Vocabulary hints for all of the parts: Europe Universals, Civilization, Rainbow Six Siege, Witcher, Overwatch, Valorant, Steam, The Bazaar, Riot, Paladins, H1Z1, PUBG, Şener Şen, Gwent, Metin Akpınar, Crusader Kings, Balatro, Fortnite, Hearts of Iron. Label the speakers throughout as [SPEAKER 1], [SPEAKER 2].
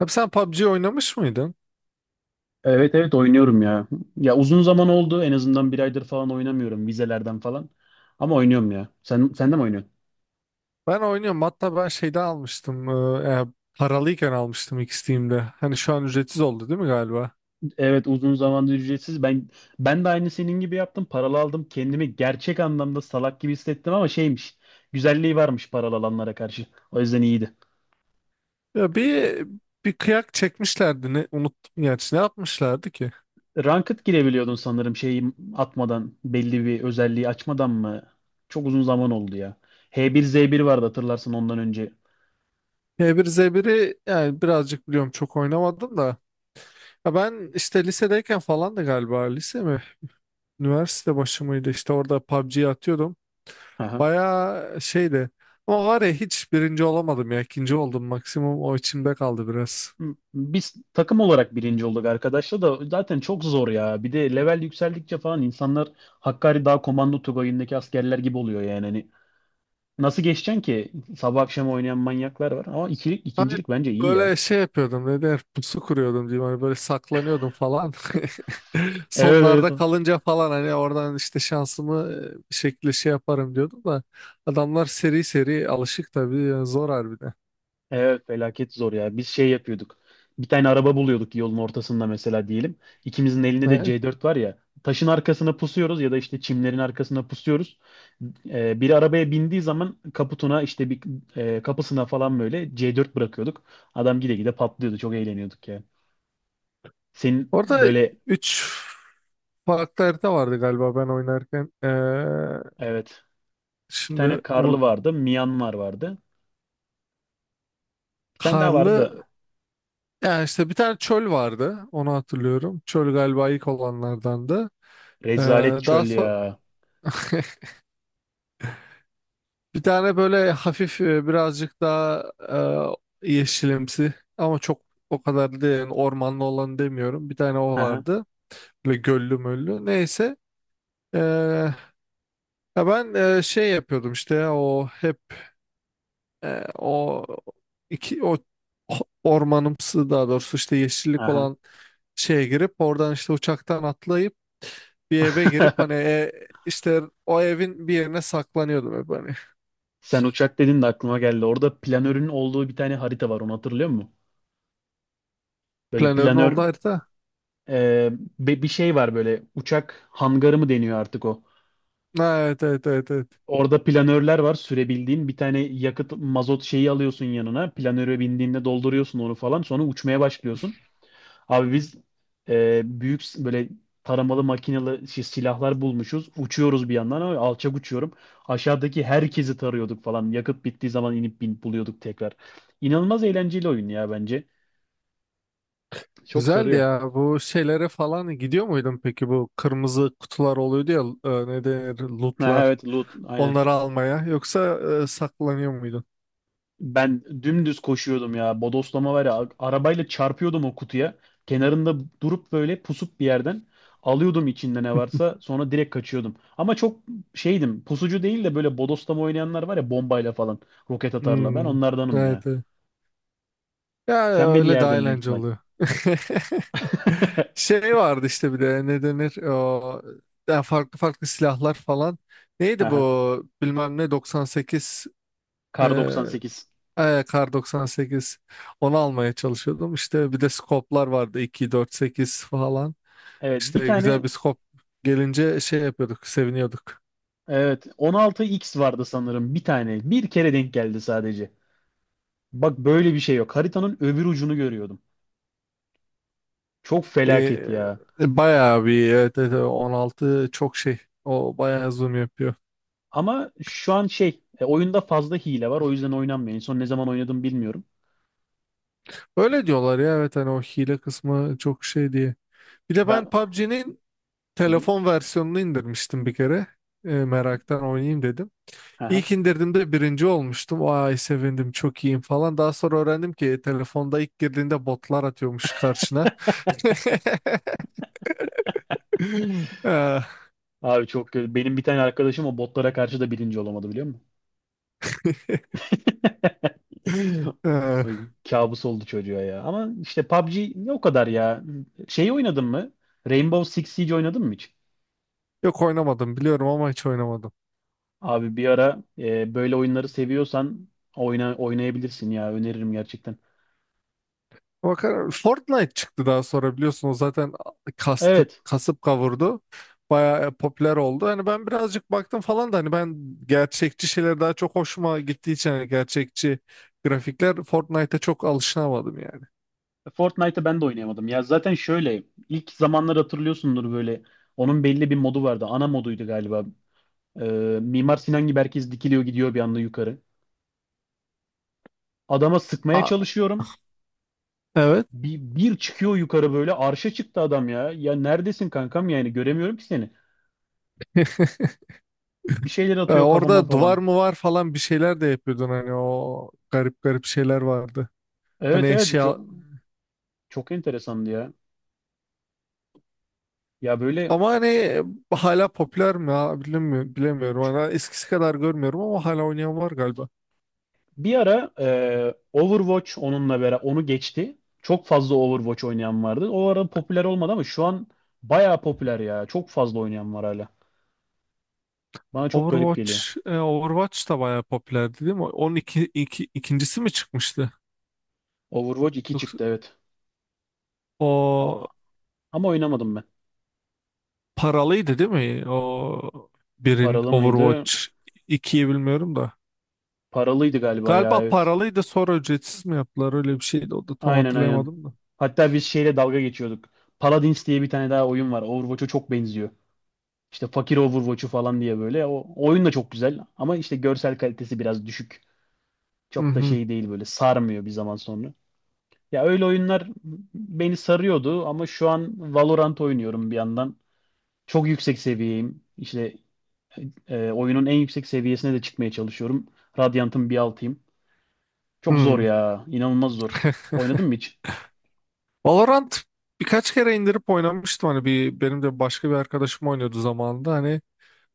[SPEAKER 1] Abi sen PUBG oynamış mıydın?
[SPEAKER 2] Evet evet oynuyorum ya. Ya uzun zaman oldu. En azından bir aydır falan oynamıyorum vizelerden falan. Ama oynuyorum ya. Sen de mi oynuyorsun?
[SPEAKER 1] Ben oynuyorum. Hatta ben şeyde almıştım. Paralıyken almıştım ilk Steam'de. Hani şu an ücretsiz oldu değil mi galiba?
[SPEAKER 2] Evet uzun zamandır ücretsiz. Ben de aynı senin gibi yaptım. Paralı aldım. Kendimi gerçek anlamda salak gibi hissettim ama şeymiş. Güzelliği varmış paralı alanlara karşı. O yüzden iyiydi.
[SPEAKER 1] Ya bir kıyak çekmişlerdi. Ne, unuttum gerçi. Ne yapmışlardı ki?
[SPEAKER 2] Ranked girebiliyordun sanırım şeyi atmadan, belli bir özelliği açmadan mı? Çok uzun zaman oldu ya. H bir Z 1 vardı, hatırlarsın ondan önce.
[SPEAKER 1] H1Z1'i yani birazcık biliyorum çok oynamadım da. Ya ben işte lisedeyken falan da galiba lise mi? Üniversite başı mıydı? İşte orada PUBG'yi atıyordum. Bayağı şeydi. Ama var ya hiç birinci olamadım ya. İkinci oldum maksimum. O içimde kaldı biraz.
[SPEAKER 2] Biz takım olarak birinci olduk, arkadaşlar da zaten çok zor ya. Bir de level yükseldikçe falan insanlar Hakkari Dağ Komando Tugayı'ndaki askerler gibi oluyor yani. Hani nasıl geçeceksin ki? Sabah akşam oynayan manyaklar var ama ikilik,
[SPEAKER 1] Hani
[SPEAKER 2] ikincilik bence iyi ya.
[SPEAKER 1] böyle şey yapıyordum ne der pusu kuruyordum diyeyim hani böyle saklanıyordum falan.
[SPEAKER 2] Evet
[SPEAKER 1] Sonlarda
[SPEAKER 2] evet.
[SPEAKER 1] kalınca falan hani oradan işte şansımı bir şekilde şey yaparım diyordum da adamlar seri seri alışık tabii yani zor harbiden.
[SPEAKER 2] Evet felaket zor ya. Biz şey yapıyorduk. Bir tane araba buluyorduk yolun ortasında mesela diyelim. İkimizin elinde de
[SPEAKER 1] Ne?
[SPEAKER 2] C4 var ya. Taşın arkasına pusuyoruz ya da işte çimlerin arkasına pusuyoruz. Biri arabaya bindiği zaman kaputuna işte bir kapısına falan böyle C4 bırakıyorduk. Adam gide gide patlıyordu. Çok eğleniyorduk ya. Senin
[SPEAKER 1] Orada
[SPEAKER 2] böyle.
[SPEAKER 1] 3 farklı harita vardı galiba ben oynarken. Ee,
[SPEAKER 2] Evet, bir
[SPEAKER 1] şimdi
[SPEAKER 2] tane
[SPEAKER 1] unut
[SPEAKER 2] karlı vardı. Myanmar vardı. Bir tane daha vardı
[SPEAKER 1] karlı
[SPEAKER 2] da.
[SPEAKER 1] yani işte bir tane çöl vardı onu hatırlıyorum. Çöl galiba ilk olanlardandı. Ee,
[SPEAKER 2] Rezalet çöl
[SPEAKER 1] daha sonra
[SPEAKER 2] ya.
[SPEAKER 1] bir tane böyle hafif birazcık daha yeşilimsi ama çok o kadar değil yani ormanlı olan demiyorum. Bir tane o
[SPEAKER 2] Aha,
[SPEAKER 1] vardı. Böyle göllü möllü. Neyse. E, ya ben şey yapıyordum işte ya, o hep o iki o ormanımsı daha doğrusu işte yeşillik
[SPEAKER 2] aha.
[SPEAKER 1] olan şeye girip oradan işte uçaktan atlayıp bir eve girip hani işte o evin bir yerine saklanıyordum hep hani.
[SPEAKER 2] Sen uçak dedin de aklıma geldi. Orada planörün olduğu bir tane harita var. Onu hatırlıyor musun? Böyle
[SPEAKER 1] Planörün
[SPEAKER 2] planör,
[SPEAKER 1] oldu harita.
[SPEAKER 2] e, bir şey var, böyle uçak hangarı mı deniyor artık o?
[SPEAKER 1] Ha, evet evet evet evet.
[SPEAKER 2] Orada planörler var sürebildiğin. Bir tane yakıt mazot şeyi alıyorsun yanına. Planöre bindiğinde dolduruyorsun onu falan. Sonra uçmaya başlıyorsun. Abi biz büyük böyle taramalı makinalı şey, silahlar bulmuşuz. Uçuyoruz bir yandan ama alçak uçuyorum. Aşağıdaki herkesi tarıyorduk falan. Yakıt bittiği zaman inip buluyorduk tekrar. İnanılmaz eğlenceli oyun ya bence. Çok
[SPEAKER 1] Güzeldi
[SPEAKER 2] sarıyor.
[SPEAKER 1] ya. Bu şeylere falan gidiyor muydun peki? Bu kırmızı kutular oluyordu ya ne denir
[SPEAKER 2] Ha,
[SPEAKER 1] lootlar.
[SPEAKER 2] evet, loot aynen.
[SPEAKER 1] Onları almaya. Yoksa saklanıyor muydun?
[SPEAKER 2] Ben dümdüz koşuyordum ya. Bodoslama var ya. Arabayla çarpıyordum o kutuya. Kenarında durup böyle pusup bir yerden alıyordum içinde ne varsa. Sonra direkt kaçıyordum. Ama çok şeydim. Pusucu değil de böyle bodoslama oynayanlar var ya bombayla falan. Roket atarla. Ben
[SPEAKER 1] Hmm,
[SPEAKER 2] onlardanım ya.
[SPEAKER 1] evet, evet. Ya
[SPEAKER 2] Sen beni
[SPEAKER 1] öyle daha
[SPEAKER 2] yerdin büyük
[SPEAKER 1] eğlenceli
[SPEAKER 2] ihtimal.
[SPEAKER 1] oluyor. Şey vardı işte bir de ne denir o, ya farklı farklı silahlar falan. Neydi
[SPEAKER 2] Aha.
[SPEAKER 1] bu bilmem ne 98 e,
[SPEAKER 2] Kar 98.
[SPEAKER 1] kar 98 onu almaya çalışıyordum. İşte bir de skoplar vardı 2 4 8 falan.
[SPEAKER 2] Evet bir
[SPEAKER 1] İşte güzel
[SPEAKER 2] tane,
[SPEAKER 1] bir skop gelince şey yapıyorduk, seviniyorduk.
[SPEAKER 2] evet, 16X vardı sanırım bir tane. Bir kere denk geldi sadece. Bak böyle bir şey yok. Haritanın öbür ucunu görüyordum. Çok
[SPEAKER 1] Ee,
[SPEAKER 2] felaket ya.
[SPEAKER 1] bayağı bir evet, evet, evet, 16 çok şey. O bayağı zoom yapıyor.
[SPEAKER 2] Ama şu an şey oyunda fazla hile var, o yüzden oynanmıyor. En son ne zaman oynadım bilmiyorum.
[SPEAKER 1] Öyle diyorlar ya evet hani o hile kısmı çok şey diye. Bir de ben
[SPEAKER 2] Ben.
[SPEAKER 1] PUBG'nin
[SPEAKER 2] Hı hı.
[SPEAKER 1] telefon versiyonunu indirmiştim bir kere. Meraktan oynayayım dedim.
[SPEAKER 2] Aha.
[SPEAKER 1] İlk indirdiğimde birinci olmuştum. Ay sevindim çok iyiyim falan. Daha sonra öğrendim ki telefonda ilk girdiğinde botlar atıyormuş karşına. Ah.
[SPEAKER 2] Abi çok kötü. Benim bir tane arkadaşım o botlara karşı da birinci olamadı biliyor musun?
[SPEAKER 1] Ah.
[SPEAKER 2] Ay. Kabus oldu çocuğa ya. Ama işte PUBG ne o kadar ya. Şey oynadın mı? Rainbow Six Siege oynadın mı hiç?
[SPEAKER 1] Yok oynamadım biliyorum ama hiç oynamadım.
[SPEAKER 2] Abi bir ara böyle oyunları seviyorsan oynayabilirsin ya. Öneririm gerçekten.
[SPEAKER 1] Bakar Fortnite çıktı daha sonra biliyorsun o zaten kastı,
[SPEAKER 2] Evet.
[SPEAKER 1] kasıp kavurdu. Bayağı popüler oldu. Hani ben birazcık baktım falan da hani ben gerçekçi şeyler daha çok hoşuma gittiği için hani gerçekçi grafikler Fortnite'a çok alışamadım yani.
[SPEAKER 2] Fortnite'ı ben de oynayamadım. Ya zaten şöyle ilk zamanlar hatırlıyorsundur böyle onun belli bir modu vardı. Ana moduydu galiba. Mimar Sinan gibi herkes dikiliyor gidiyor bir anda yukarı. Adama sıkmaya
[SPEAKER 1] A-
[SPEAKER 2] çalışıyorum.
[SPEAKER 1] evet.
[SPEAKER 2] Bir çıkıyor yukarı, böyle arşa çıktı adam ya. Ya neredesin kankam, yani göremiyorum ki seni. Bir şeyler
[SPEAKER 1] E,
[SPEAKER 2] atıyor kafama
[SPEAKER 1] orada duvar
[SPEAKER 2] falan.
[SPEAKER 1] mı var falan bir şeyler de yapıyordun hani o garip garip şeyler vardı. Hani
[SPEAKER 2] Evet evet, çok,
[SPEAKER 1] eşya
[SPEAKER 2] çok enteresandı ya. Ya böyle.
[SPEAKER 1] ama hani hala popüler mi ya bilmiyorum, bilemiyorum. Hani eskisi kadar görmüyorum ama hala oynayan var galiba.
[SPEAKER 2] Bir ara Overwatch onunla beraber onu geçti. Çok fazla Overwatch oynayan vardı. O ara popüler olmadı ama şu an bayağı popüler ya. Çok fazla oynayan var hala. Bana çok garip geliyor.
[SPEAKER 1] Overwatch, Overwatch da bayağı popülerdi değil mi? Onun ikincisi mi çıkmıştı?
[SPEAKER 2] Overwatch 2
[SPEAKER 1] Yoksa
[SPEAKER 2] çıktı, evet. O-
[SPEAKER 1] o
[SPEAKER 2] Ama oynamadım ben.
[SPEAKER 1] paralıydı değil mi? O birin
[SPEAKER 2] Paralı mıydı?
[SPEAKER 1] Overwatch ikiyi bilmiyorum da.
[SPEAKER 2] Paralıydı galiba ya,
[SPEAKER 1] Galiba
[SPEAKER 2] evet.
[SPEAKER 1] paralıydı sonra ücretsiz mi yaptılar öyle bir şeydi o da tam
[SPEAKER 2] Aynen aynen.
[SPEAKER 1] hatırlayamadım da.
[SPEAKER 2] Hatta biz şeyle dalga geçiyorduk. Paladins diye bir tane daha oyun var. Overwatch'a çok benziyor. İşte fakir Overwatch'u falan diye böyle. O oyun da çok güzel ama işte görsel kalitesi biraz düşük.
[SPEAKER 1] Hı
[SPEAKER 2] Çok da
[SPEAKER 1] hı.
[SPEAKER 2] şey değil, böyle sarmıyor bir zaman sonra. Ya öyle oyunlar beni sarıyordu ama şu an Valorant oynuyorum bir yandan. Çok yüksek seviyeyim. İşte oyunun en yüksek seviyesine de çıkmaya çalışıyorum. Radiant'ın bir altıyım. Çok zor
[SPEAKER 1] Hı.
[SPEAKER 2] ya. İnanılmaz zor. Oynadın mı hiç?
[SPEAKER 1] Valorant birkaç kere indirip oynamıştım hani bir benim de başka bir arkadaşım oynuyordu zamanında hani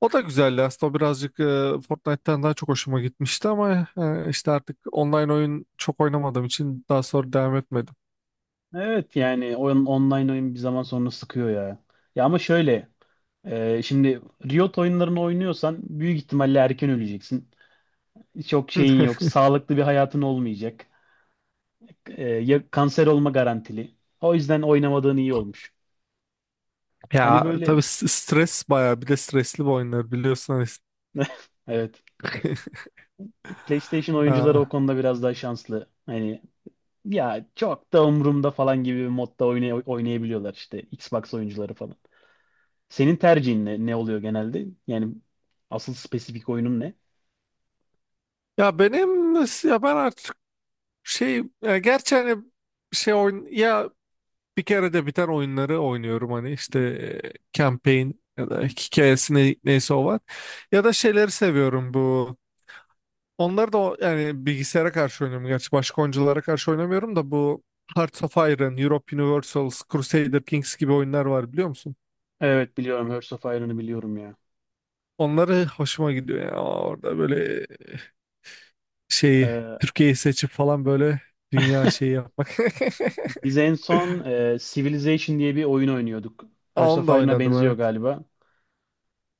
[SPEAKER 1] o da güzeldi aslında o birazcık Fortnite'tan daha çok hoşuma gitmişti ama işte artık online oyun çok oynamadığım için daha sonra devam etmedim.
[SPEAKER 2] Evet yani oyun, online oyun bir zaman sonra sıkıyor ya. Ya ama şöyle şimdi Riot oyunlarını oynuyorsan büyük ihtimalle erken öleceksin. Çok şeyin yok. Sağlıklı bir hayatın olmayacak. Ya kanser olma garantili. O yüzden oynamadığın iyi olmuş. Hani
[SPEAKER 1] Ya tabii
[SPEAKER 2] böyle.
[SPEAKER 1] stres bayağı bir de stresli bu oyunlar biliyorsun. Hani.
[SPEAKER 2] Evet, PlayStation oyuncuları
[SPEAKER 1] Aa,
[SPEAKER 2] o konuda biraz daha şanslı. Hani ya çok da umurumda falan gibi bir modda oynayabiliyorlar işte Xbox oyuncuları falan. Senin tercihin ne, ne oluyor genelde? Yani asıl spesifik oyunun ne?
[SPEAKER 1] ya benim ya ben artık şey ya gerçi hani şey oyun ya bir kere de biten oyunları oynuyorum hani işte campaign ya da hikayesi neyse o var. Ya da şeyleri seviyorum bu. Onları da yani bilgisayara karşı oynuyorum. Gerçi başka oyunculara karşı oynamıyorum da bu Hearts of Iron, Europe Universals, Crusader Kings gibi oyunlar var biliyor musun?
[SPEAKER 2] Evet biliyorum, Hearts of Iron'ı biliyorum ya.
[SPEAKER 1] Onları hoşuma gidiyor ya. Orada böyle şeyi
[SPEAKER 2] Ee,
[SPEAKER 1] Türkiye'yi seçip falan böyle dünya şeyi yapmak.
[SPEAKER 2] biz en son Civilization diye bir oyun oynuyorduk. Hearts
[SPEAKER 1] Onu
[SPEAKER 2] of
[SPEAKER 1] da
[SPEAKER 2] Iron'a
[SPEAKER 1] oynadım
[SPEAKER 2] benziyor
[SPEAKER 1] evet.
[SPEAKER 2] galiba.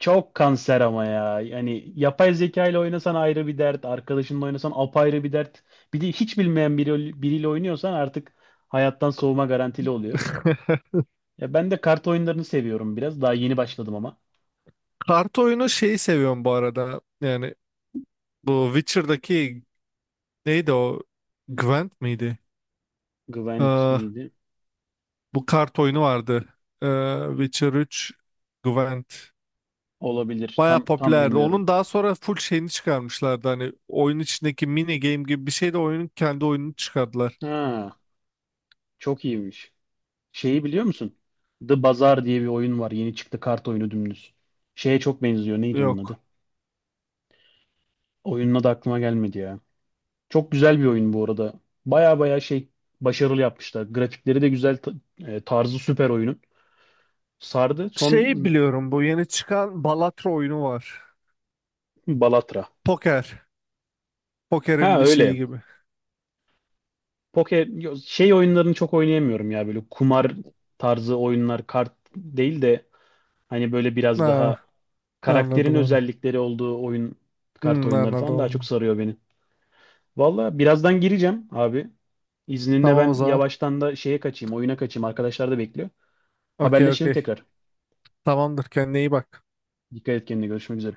[SPEAKER 2] Çok kanser ama ya. Yani yapay zeka ile oynasan ayrı bir dert, arkadaşınla oynasan apayrı bir dert. Bir de hiç bilmeyen biriyle oynuyorsan artık hayattan soğuma garantili oluyor. Ya ben de kart oyunlarını seviyorum biraz. Daha yeni başladım ama.
[SPEAKER 1] Kart oyunu şeyi seviyorum bu arada. Yani bu Witcher'daki neydi o? Gwent miydi?
[SPEAKER 2] Gwent
[SPEAKER 1] Ee,
[SPEAKER 2] miydi?
[SPEAKER 1] bu kart oyunu vardı. Witcher 3 Gwent.
[SPEAKER 2] Olabilir.
[SPEAKER 1] Baya
[SPEAKER 2] Tam tam
[SPEAKER 1] popülerdi.
[SPEAKER 2] bilmiyorum.
[SPEAKER 1] Onun daha sonra full şeyini çıkarmışlardı. Hani oyun içindeki mini game gibi bir şey de oyunun kendi oyununu çıkardılar.
[SPEAKER 2] Ha, çok iyiymiş. Şeyi biliyor musun? The Bazaar diye bir oyun var. Yeni çıktı kart oyunu dümdüz. Şeye çok benziyor. Neydi onun adı?
[SPEAKER 1] Yok.
[SPEAKER 2] Oyunun adı aklıma gelmedi ya. Çok güzel bir oyun bu arada. Baya baya şey, başarılı yapmışlar. Grafikleri de güzel, tarzı süper oyunun. Sardı. Son.
[SPEAKER 1] Şey biliyorum bu yeni çıkan Balatro oyunu var.
[SPEAKER 2] Balatra.
[SPEAKER 1] Poker.
[SPEAKER 2] Ha
[SPEAKER 1] Poker'in bir şeyi
[SPEAKER 2] öyle.
[SPEAKER 1] gibi.
[SPEAKER 2] Şey oyunlarını çok oynayamıyorum ya, böyle kumar tarzı oyunlar kart değil de hani böyle biraz
[SPEAKER 1] Ha,
[SPEAKER 2] daha karakterin
[SPEAKER 1] anladım onu.
[SPEAKER 2] özellikleri olduğu oyun, kart
[SPEAKER 1] Hmm,
[SPEAKER 2] oyunları
[SPEAKER 1] anladım
[SPEAKER 2] falan daha çok
[SPEAKER 1] onu.
[SPEAKER 2] sarıyor beni. Valla birazdan gireceğim abi. İzninle
[SPEAKER 1] Tamam o
[SPEAKER 2] ben
[SPEAKER 1] zaman.
[SPEAKER 2] yavaştan da şeye kaçayım, oyuna kaçayım. Arkadaşlar da bekliyor.
[SPEAKER 1] Okey
[SPEAKER 2] Haberleşelim
[SPEAKER 1] okey.
[SPEAKER 2] tekrar.
[SPEAKER 1] Tamamdır kendine iyi bak.
[SPEAKER 2] Dikkat et kendine. Görüşmek üzere.